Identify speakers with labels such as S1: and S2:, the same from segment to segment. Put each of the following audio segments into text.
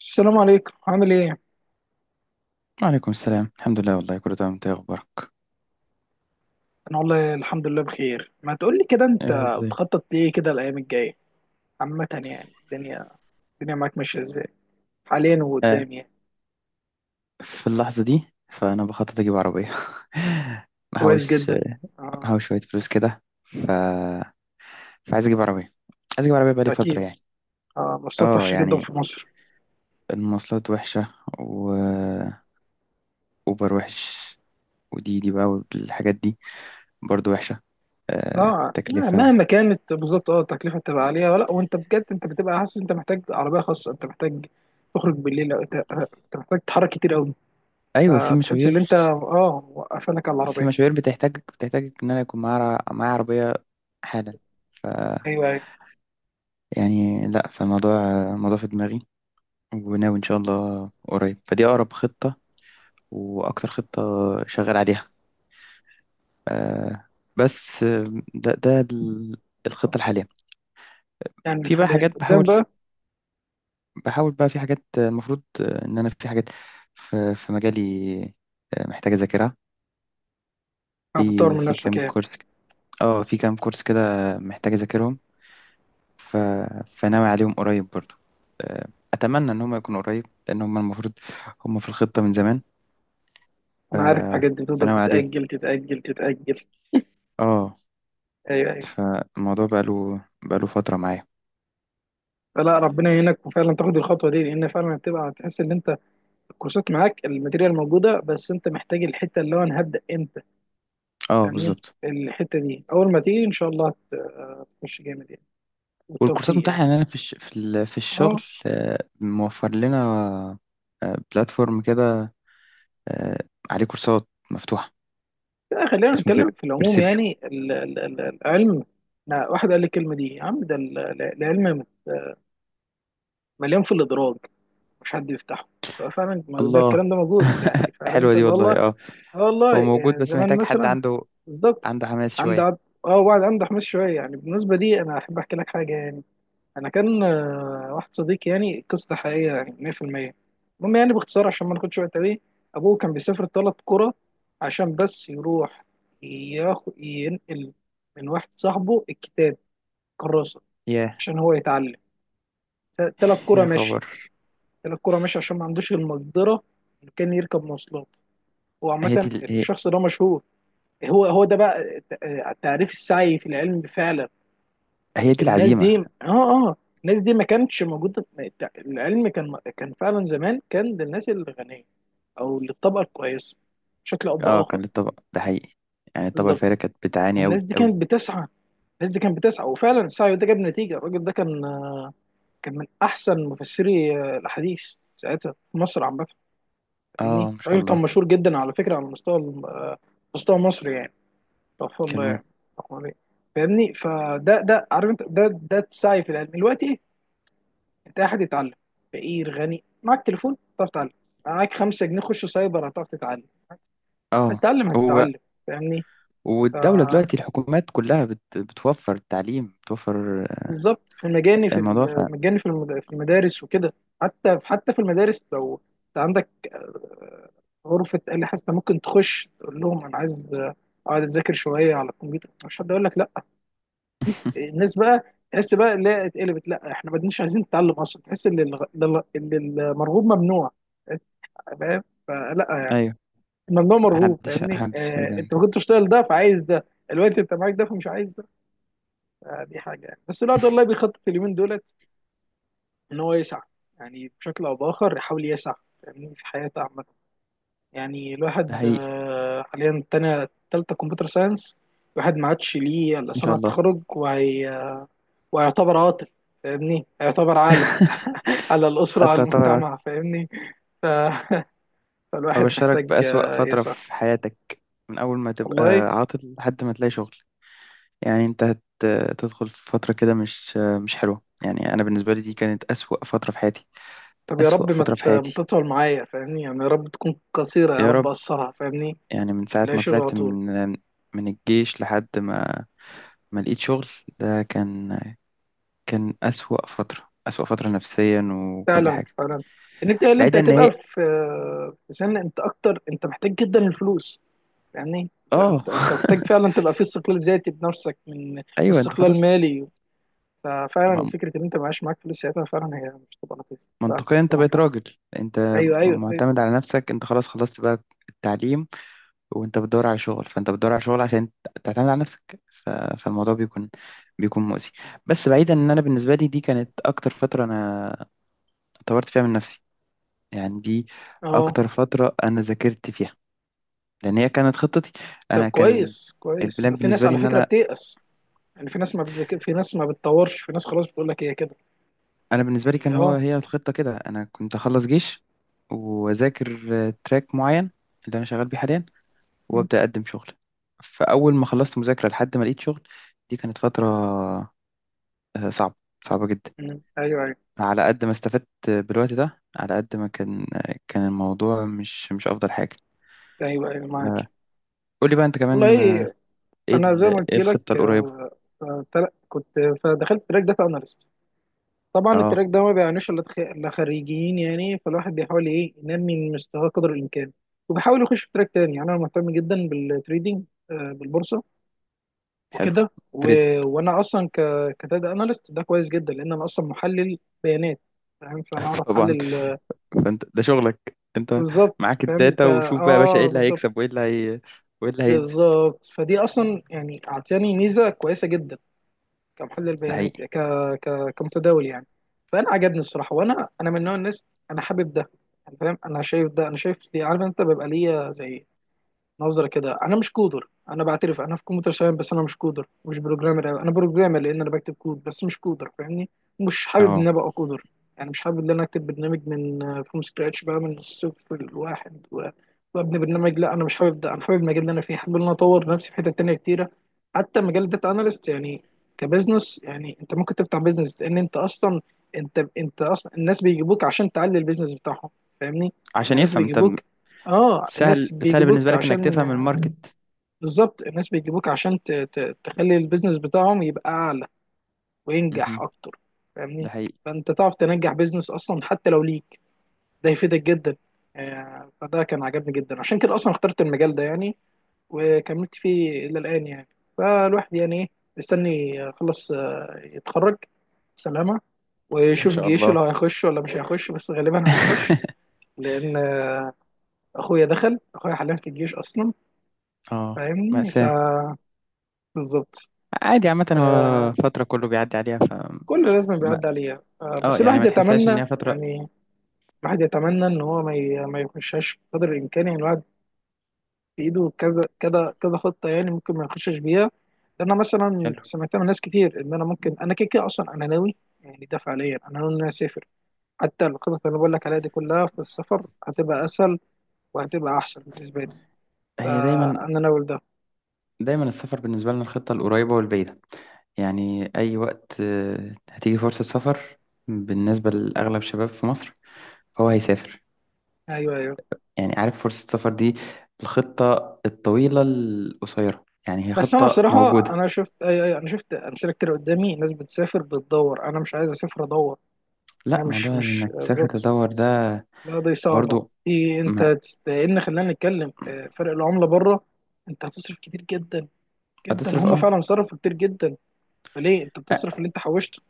S1: السلام عليكم، عامل ايه؟
S2: وعليكم السلام. الحمد لله، والله كله تمام. انت ايه اخبارك؟
S1: انا والله الحمد لله بخير. ما تقولي كده انت،
S2: آه، ازاي.
S1: بتخطط ليه كده الايام الجاية عامة؟ يعني الدنيا معاك ماشية ازاي حاليا
S2: آه،
S1: وقدام يعني؟
S2: في اللحظة دي فأنا بخطط أجيب عربية.
S1: كويس
S2: محوش
S1: جدا. اه،
S2: محوش شوية فلوس كده فعايز أجيب عربية عايز أجيب عربية بقالي فترة
S1: اكيد.
S2: يعني.
S1: اه، مواصلات
S2: اه
S1: وحشة جدا
S2: يعني
S1: في مصر.
S2: المواصلات وحشة، وأوبر وحش، ودي دي بقى والحاجات دي برضو وحشة. آه...
S1: لا
S2: تكلفة.
S1: مهما كانت، بالظبط، اه التكلفة بتبقى عالية. ولا وانت بجد انت بتبقى حاسس انت محتاج عربية خاصة، انت محتاج تخرج بالليل، أو انت محتاج تتحرك كتير قوي،
S2: أيوة، في
S1: فتحس ان
S2: مشاوير.
S1: انت اه وقفلك على
S2: في
S1: العربية.
S2: مشاوير بتحتاج إن أنا يكون معايا عربية حالا.
S1: ايوه، ايوه.
S2: يعني لا، فالموضوع، الموضوع في دماغي. وناوي إن شاء الله قريب، فدي أقرب خطة وأكتر خطة شغال عليها. آه بس ده ده ال- الخطة الحالية.
S1: يعني
S2: في بقى
S1: حاليا
S2: حاجات
S1: قدام
S2: بحاول
S1: بقى.
S2: بحاول بقى. في حاجات المفروض إن أنا في حاجات في مجالي محتاج أذاكرها.
S1: بتطور
S2: في
S1: من
S2: في
S1: نفسك
S2: كام
S1: يعني.
S2: كورس اه، في كام كورس كده محتاج أذاكرهم. ف فناوي عليهم قريب برضو. آه، أتمنى إن هم يكونوا قريب، لأن هم المفروض هم في الخطة من زمان. ف...
S1: انا عارف الحاجات دي بتفضل
S2: فناوي عليهم.
S1: تتاجل تتاجل.
S2: اه،
S1: ايوه، ايوه.
S2: فالموضوع بقاله فترة معايا.
S1: فلا ربنا يعينك وفعلا تاخد الخطوه دي، لان فعلا هتبقى هتحس ان انت الكورسات معاك، الماتيريال موجوده، بس انت محتاج الحته اللي هو انا هبدا امتى.
S2: اه
S1: فاهمني
S2: بالظبط.
S1: الحته دي اول ما تيجي ان شاء الله هتخش جامد يعني،
S2: والكورسات
S1: والتوفيق
S2: متاحة،
S1: يعني.
S2: يعني أنا في الش... في ال... في الشغل
S1: اه.
S2: موفر لنا بلاتفورم كده آه، عليه كورسات مفتوحة.
S1: لا، خلينا
S2: اسمه
S1: نتكلم في العموم
S2: بيرسيبيو.
S1: يعني العلم. لا واحد قال لي الكلمه دي يا عم، ده العلم مليان في الادراج، مش حد يفتحه. ففعلا ما ده
S2: الله.
S1: الكلام ده موجود يعني. فعارف
S2: حلوة
S1: انت
S2: دي
S1: اللي والله.
S2: والله. اه،
S1: اه
S2: هو
S1: والله.
S2: موجود بس
S1: زمان
S2: محتاج حد
S1: مثلا. بالظبط.
S2: عنده حماس
S1: عندي
S2: شوية.
S1: عض- اه وبعد عنده حماس شويه. يعني بالنسبه لي انا احب احكي لك حاجه يعني. انا كان واحد صديقي، يعني القصه دي حقيقيه يعني 100%. المهم يعني باختصار عشان ما ناخدش وقت قوي، ابوه كان بيسافر ثلاث قرى عشان بس يروح ياخد، ينقل من واحد صاحبه الكتاب، كراسه،
S2: يا،
S1: عشان هو يتعلم. ثلاث قرى
S2: يا
S1: ماشي.
S2: خبر.
S1: ثلاث قرى ماشي عشان ما عندوش المقدره انه كان يركب مواصلات. هو
S2: هي دي
S1: عامه
S2: ال- هي,
S1: الشخص ده مشهور. هو ده بقى تعريف السعي في العلم فعلا.
S2: هي دي
S1: الناس دي
S2: العزيمة.
S1: اه. اه، الناس دي ما كانتش موجودة. العلم كان كان فعلا زمان، كان للناس الغنية او للطبقة الكويسة، بشكل او
S2: اه كان
S1: باخر.
S2: للطبق ده حقيقي. يعني الطبقة
S1: بالظبط.
S2: الفارقة كانت بتعاني أوي
S1: والناس دي كانت
S2: أوي.
S1: بتسعى. الناس دي كانت بتسعى، وفعلا السعي ده جاب نتيجة. الراجل ده كان كان من احسن مفسري الاحاديث ساعتها في مصر عامة.
S2: اه
S1: فاهمني
S2: ما شاء
S1: الراجل كان
S2: الله.
S1: مشهور جدا على فكرة على مستوى، مستوى مصر يعني. استغفر الله
S2: كمان.
S1: يعني. استغفر الله. فاهمني فده عارف انت ده السعي في العلم دلوقتي ايه. انت احد يتعلم، فقير غني، معاك تليفون تعرف تتعلم، معاك 5 جنيه خش سايبر هتعرف تتعلم.
S2: اه.
S1: هتتعلم
S2: هو
S1: هتتعلم فاهمني. ف،
S2: والدولة دلوقتي الحكومات كلها بت... بتوفر التعليم، بتوفر
S1: بالظبط، في المجاني، في
S2: الموضوع ف...
S1: المجاني، في المدارس وكده. حتى حتى في المدارس لو انت عندك غرفة آلة حاسة، ممكن تخش تقول لهم انا عايز اقعد اذاكر شوية على الكمبيوتر، مش حد يقول لك لا. الناس بقى تحس بقى اللي هي اتقلبت، لا احنا ما بدناش عايزين نتعلم اصلا، تحس ان ان المرغوب ممنوع. انت فاهم فلا يعني
S2: ايوه.
S1: الممنوع مرغوب.
S2: محدش
S1: فاهمني
S2: محدش عايز
S1: اه
S2: يعمل
S1: انت ما
S2: كده.
S1: كنتش تشتغل ده، فعايز ده. الوقت انت معاك ده، فمش عايز ده. آه دي حاجه يعني. بس الواحد والله بيخطط اليومين دولت ان هو يسعى، يعني بشكل او باخر يحاول يسعى، فاهمني في حياته عامه. يعني
S2: ده
S1: الواحد
S2: حقيقي.
S1: حاليا تانية تالتة كمبيوتر ساينس، الواحد ما عادش ليه الا
S2: ان شاء
S1: صنعة،
S2: الله.
S1: تخرج وهي وهيعتبر عاطل. فاهمني هيعتبر عالة على الأسرة، على
S2: انت طبعا
S1: المجتمع. فاهمني. ف- فالواحد
S2: ابشرك
S1: محتاج
S2: بأسوأ فترة
S1: يسعى.
S2: في حياتك. من اول ما تبقى
S1: والله
S2: عاطل لحد ما تلاقي شغل. يعني انت هت... تدخل في فترة كده مش حلوة. يعني انا بالنسبة لي دي كانت أسوأ فترة في حياتي.
S1: طب يا
S2: أسوأ
S1: رب
S2: فترة في
S1: ما
S2: حياتي،
S1: تطول معايا فاهمني، يعني يا رب تكون قصيرة، يا
S2: يا
S1: رب
S2: رب.
S1: أقصرها فاهمني.
S2: يعني من ساعة
S1: لا،
S2: ما
S1: شغل على
S2: طلعت
S1: طول.
S2: من الجيش لحد ما لقيت شغل. ده كان أسوأ فترة، أسوأ فترة نفسيا وكل
S1: فعلا
S2: حاجة.
S1: فعلا إن أنت اللي أنت
S2: بعيدا ان
S1: هتبقى
S2: هي
S1: في في سن أنت أكتر أنت محتاج جدا الفلوس. يعني أنت
S2: اه.
S1: أنت أنت محتاج فعلا تبقى في استقلال ذاتي بنفسك، من
S2: ايوه انت
S1: واستقلال
S2: خلاص.
S1: مالي. ففعلا
S2: م-
S1: فكرة إن أنت معاش معاك فلوس ساعتها فعلا هي مش تبقى لطيفة. فعلا
S2: منطقيا
S1: أنت
S2: انت
S1: معاك
S2: بقيت
S1: حق.
S2: راجل، انت
S1: أيوه، أيوه، أيوه.
S2: معتمد على نفسك، انت خلاص خلصت بقى التعليم. وانت بتدور على شغل، فانت بتدور على شغل عشان تعتمد على نفسك. ف... فالموضوع بيكون، بيكون مؤذي. بس بعيدا ان انا بالنسبة لي دي كانت اكتر فترة انا طورت فيها من نفسي. يعني دي
S1: أه.
S2: اكتر فترة انا ذاكرت فيها، لان هي كانت خطتي.
S1: طب
S2: انا كان
S1: كويس كويس،
S2: البلان
S1: في ناس
S2: بالنسبة لي
S1: على
S2: ان
S1: فكرة
S2: انا،
S1: بتيأس يعني. في ناس ما بتذاكر، في ناس ما بتطورش، في ناس خلاص بتقول لك هي كده
S2: انا بالنسبه لي
S1: يعني.
S2: كان هو
S1: اه.
S2: هي الخطه كده. انا كنت اخلص جيش واذاكر تراك معين اللي انا شغال بيه حاليا،
S1: م-
S2: وابدا اقدم شغل. فاول ما خلصت مذاكره لحد ما لقيت شغل، دي كانت فتره صعبه، صعبه جدا.
S1: م. ايوه، ايوه،
S2: على قد ما استفدت بالوقت ده، على قد ما كان كان الموضوع مش افضل حاجه.
S1: ايوه، ايوه،
S2: آه،
S1: معاك.
S2: قول لي بقى انت كمان
S1: والله
S2: ايه
S1: انا زي ما قلت
S2: ايه الخطه
S1: لك
S2: القريبه.
S1: كنت، فدخلت تراك داتا اناليست. طبعا
S2: اه،
S1: التراك ده ما بيعنيش الا إلا خريجين يعني، فالواحد بيحاول ايه ينمي من مستواه قدر الامكان. وبحاول يخش في تراك تاني. يعني انا مهتم جدا بالتريدينج، بالبورصة
S2: حلو.
S1: وكده و
S2: تريد.
S1: وانا اصلا كداتا اناليست، ده كويس جدا لان انا اصلا محلل بيانات. فاهم فانا اعرف
S2: طبعا،
S1: احلل.
S2: فانت ده شغلك. انت
S1: بالظبط
S2: معاك
S1: فاهم
S2: الداتا، وشوف بقى يا باشا ايه
S1: اه
S2: اللي
S1: بالظبط.
S2: هيكسب، وايه اللي هي... وايه اللي هينزل.
S1: بالظبط فدي اصلا يعني اعطاني ميزه كويسه جدا، كمحلل
S2: ده
S1: بيانات،
S2: حقيقي.
S1: كمتداول يعني. فانا عجبني الصراحه. وانا من نوع الناس، انا حابب ده يعني. فاهم انا شايف ده، انا شايف دي. عارف انت بيبقى ليا زي نظرة كده. انا مش كودر، انا بعترف انا في كمبيوتر ساينس بس انا مش كودر، مش بروجرامر أوي. انا بروجرامر لان انا بكتب كود بس مش كودر فاهمني. مش حابب ان انا
S2: اه.
S1: ابقى كودر. يعني مش حابب ان انا اكتب برنامج من فروم سكراتش بقى، من الصفر الواحد وابني برنامج. لا انا مش حابب ده. انا حابب المجال اللي انا فيه، حابب ان انا اطور نفسي في حتت تانية كتيرة. حتى مجال الداتا اناليست يعني كبزنس، يعني انت ممكن تفتح بزنس، لان انت اصلا انت اصلا الناس بيجيبوك عشان تعلي البيزنس بتاعهم. فاهمني. يعني
S2: عشان
S1: الناس
S2: يفهم انت،
S1: بيجيبوك. اه
S2: سهل
S1: الناس
S2: سهل بالنسبة
S1: بيجيبوك
S2: لك انك
S1: عشان،
S2: تفهم الماركت.
S1: بالظبط الناس بيجيبوك عشان تخلي البيزنس بتاعهم يبقى اعلى وينجح
S2: مهم.
S1: اكتر.
S2: ده
S1: فاهمني.
S2: حقيقي.
S1: فانت تعرف تنجح بيزنس اصلا، حتى لو ليك ده يفيدك جدا. فده كان عجبني جدا، عشان كده اصلا اخترت المجال ده يعني، وكملت فيه الى الان يعني. فالواحد يعني ايه، مستني يخلص يتخرج، سلامة،
S2: ان
S1: ويشوف
S2: شاء
S1: جيشه
S2: الله.
S1: لو هيخش ولا مش هيخش. بس غالبا هنخش، لان اخويا دخل، اخويا حاليا في الجيش اصلا.
S2: اه،
S1: فاهمني،
S2: مأساة.
S1: فبالظبط.
S2: عادي، عامة هو فترة كله بيعدي عليها.
S1: كل لازم بيعدي
S2: ما...
S1: عليها،
S2: اه
S1: بس
S2: يعني
S1: الواحد
S2: ما تحسهاش ان
S1: يتمنى
S2: هي فترة.
S1: يعني. الواحد يتمنى ان هو ما يخشش بقدر الامكان. يعني الواحد بايده كذا كذا كذا خطه، يعني ممكن ما يخشش بيها. لان أنا مثلا
S2: حلو.
S1: سمعتها من ناس كتير، ان انا ممكن انا كده كده اصلا انا ناوي يعني، ده فعليا انا ناوي ان انا اسافر. حتى الخطط اللي بقول لك عليها دي كلها في السفر هتبقى اسهل وهتبقى احسن بالنسبه لي.
S2: هي دايما،
S1: فانا ناوي ده.
S2: دايما السفر بالنسبة لنا الخطة القريبة والبعيدة. يعني أي وقت هتيجي فرصة سفر بالنسبة لأغلب شباب في مصر، فهو هيسافر.
S1: ايوه، ايوه.
S2: يعني عارف فرصة السفر دي، الخطة الطويلة القصيرة، يعني هي
S1: بس انا
S2: خطة
S1: صراحه،
S2: موجودة.
S1: انا شفت، أيوة أيوة، انا شفت امثله كتير قدامي، ناس بتسافر بتدور. انا مش عايز اسافر ادور. انا
S2: لا،
S1: مش
S2: موضوع
S1: مش
S2: انك تسافر
S1: بالظبط،
S2: تدور ده
S1: لا دي صعبه.
S2: برضو
S1: دي انت
S2: ما.
S1: لان خلينا نتكلم فرق العمله بره، انت هتصرف كتير جدا جدا.
S2: هتصرف
S1: هم
S2: اه.
S1: فعلا صرفوا كتير جدا. فليه انت
S2: أ-
S1: بتصرف اللي انت حوشته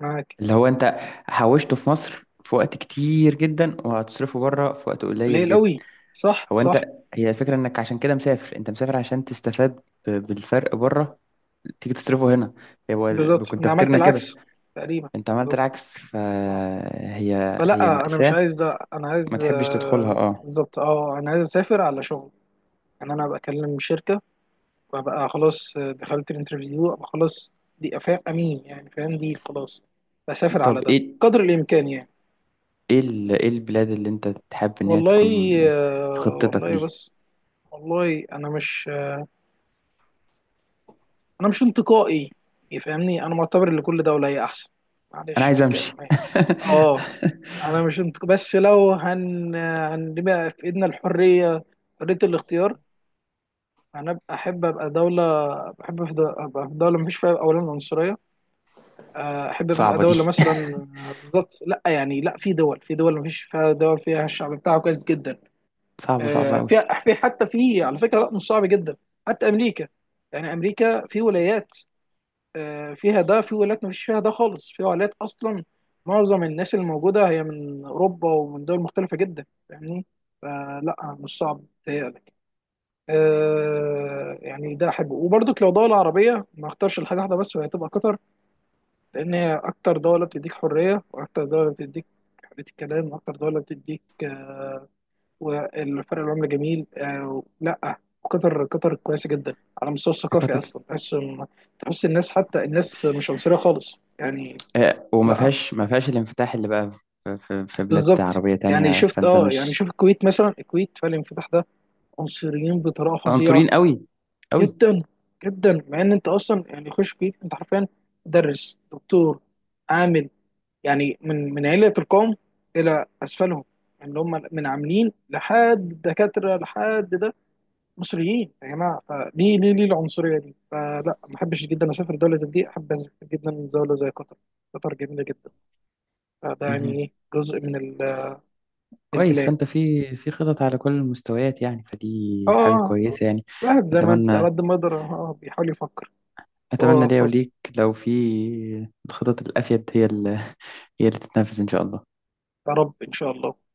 S1: معاك؟
S2: اللي هو انت حوشته في مصر في وقت كتير جدا، وهتصرفه بره في وقت قليل
S1: قليل
S2: جدا.
S1: قوي. صح،
S2: هو انت،
S1: صح.
S2: هي الفكرة انك عشان كده مسافر. انت مسافر عشان تستفاد بالفرق بره، تيجي تصرفه هنا. هو
S1: بالظبط
S2: كنت
S1: انا عملت
S2: تفكيرنا كده.
S1: العكس تقريبا،
S2: انت عملت
S1: بالظبط.
S2: العكس،
S1: آه.
S2: فهي
S1: فلا انا مش
S2: مأساة.
S1: عايز ده، انا
S2: ما
S1: عايز،
S2: تحبش تدخلها
S1: آه،
S2: اه.
S1: بالظبط اه انا عايز اسافر على شغل. ان انا بكلم شركه وابقى خلاص دخلت الانترفيو، ابقى خلاص دي امين يعني، فاهم دي خلاص بسافر على
S2: طب
S1: ده
S2: ايه،
S1: قدر الامكان يعني.
S2: ايه ايه البلاد اللي انت تحب ان هي
S1: والله
S2: تكون في خطتك
S1: والله
S2: دي.
S1: بس. والله انا مش انا مش انتقائي. يفهمني انا معتبر ان كل دوله هي احسن،
S2: انا
S1: معلش في
S2: عايز امشي.
S1: الكلمه. اه انا مش انتق... بس لو هنبقى في ايدنا الحريه، حريه الاختيار، انا احب ابقى دوله. بحب ابقى في دوله مفيش فيها اولا عنصريه. احب بقى
S2: صعبة
S1: دوله
S2: دي.
S1: مثلا، آه، بالظبط لا يعني، لا، في دول، في دول ما فيش فيها، دول فيها الشعب بتاعه كويس جدا.
S2: صعبة صعبة
S1: آه،
S2: قوي.
S1: في في حتى في على فكره، لا مش صعب جدا. حتى امريكا يعني، امريكا في ولايات فيها ده، في ولايات ما فيش فيها ده خالص، في ولايات اصلا معظم الناس اللي موجوده هي من اوروبا ومن دول مختلفه جدا. فاهمني فلا مش صعب تهيألك. يعني ده احبه. وبرضك لو دوله عربيه ما اختارش الحاجه واحده بس، وهي تبقى قطر. لأن هي أكتر دولة بتديك حرية، وأكتر دولة بتديك حرية الكلام، وأكتر دولة بتديك والفرق العملة جميل. لا قطر، قطر كويسة جدا على المستوى
S2: يا
S1: الثقافي.
S2: قطر.
S1: أصلا تحس تحس الناس، حتى الناس مش عنصرية خالص يعني.
S2: آه، وما
S1: لا،
S2: فيهاش ما فيهاش الانفتاح اللي بقى في بلاد
S1: بالظبط.
S2: عربية
S1: يعني
S2: تانية،
S1: شفت،
S2: فانت
S1: اه، يعني
S2: مش
S1: شوف الكويت مثلا، الكويت فالانفتاح ده عنصريين بطريقة فظيعة
S2: عنصريين قوي، قوي.
S1: جدا جدا. مع إن أنت أصلا يعني خش الكويت أنت حرفيا مدرس، دكتور، عامل، يعني من من علية القوم إلى أسفلهم، يعني اللي هم من عاملين لحد دكاترة لحد ده مصريين يا جماعة. فليه ليه ليه العنصرية دي؟ فلا ما أحبش جدا أسافر دولة زي دي، أحب أسافر جدا دولة زي قطر. قطر جميلة جدا. فده يعني
S2: مهم.
S1: إيه جزء من
S2: كويس،
S1: البلاد.
S2: فانت في خطط على كل المستويات، يعني فدي حاجة
S1: آه.
S2: كويسة. يعني
S1: الواحد زي ما على
S2: اتمنى،
S1: قد ما يقدر آه بيحاول يفكر.
S2: اتمنى
S1: هو
S2: ليا
S1: فاضي.
S2: وليك لو في الخطط الافيد هي اللي، هي اللي تتنفذ ان شاء الله.
S1: يا رب إن شاء الله.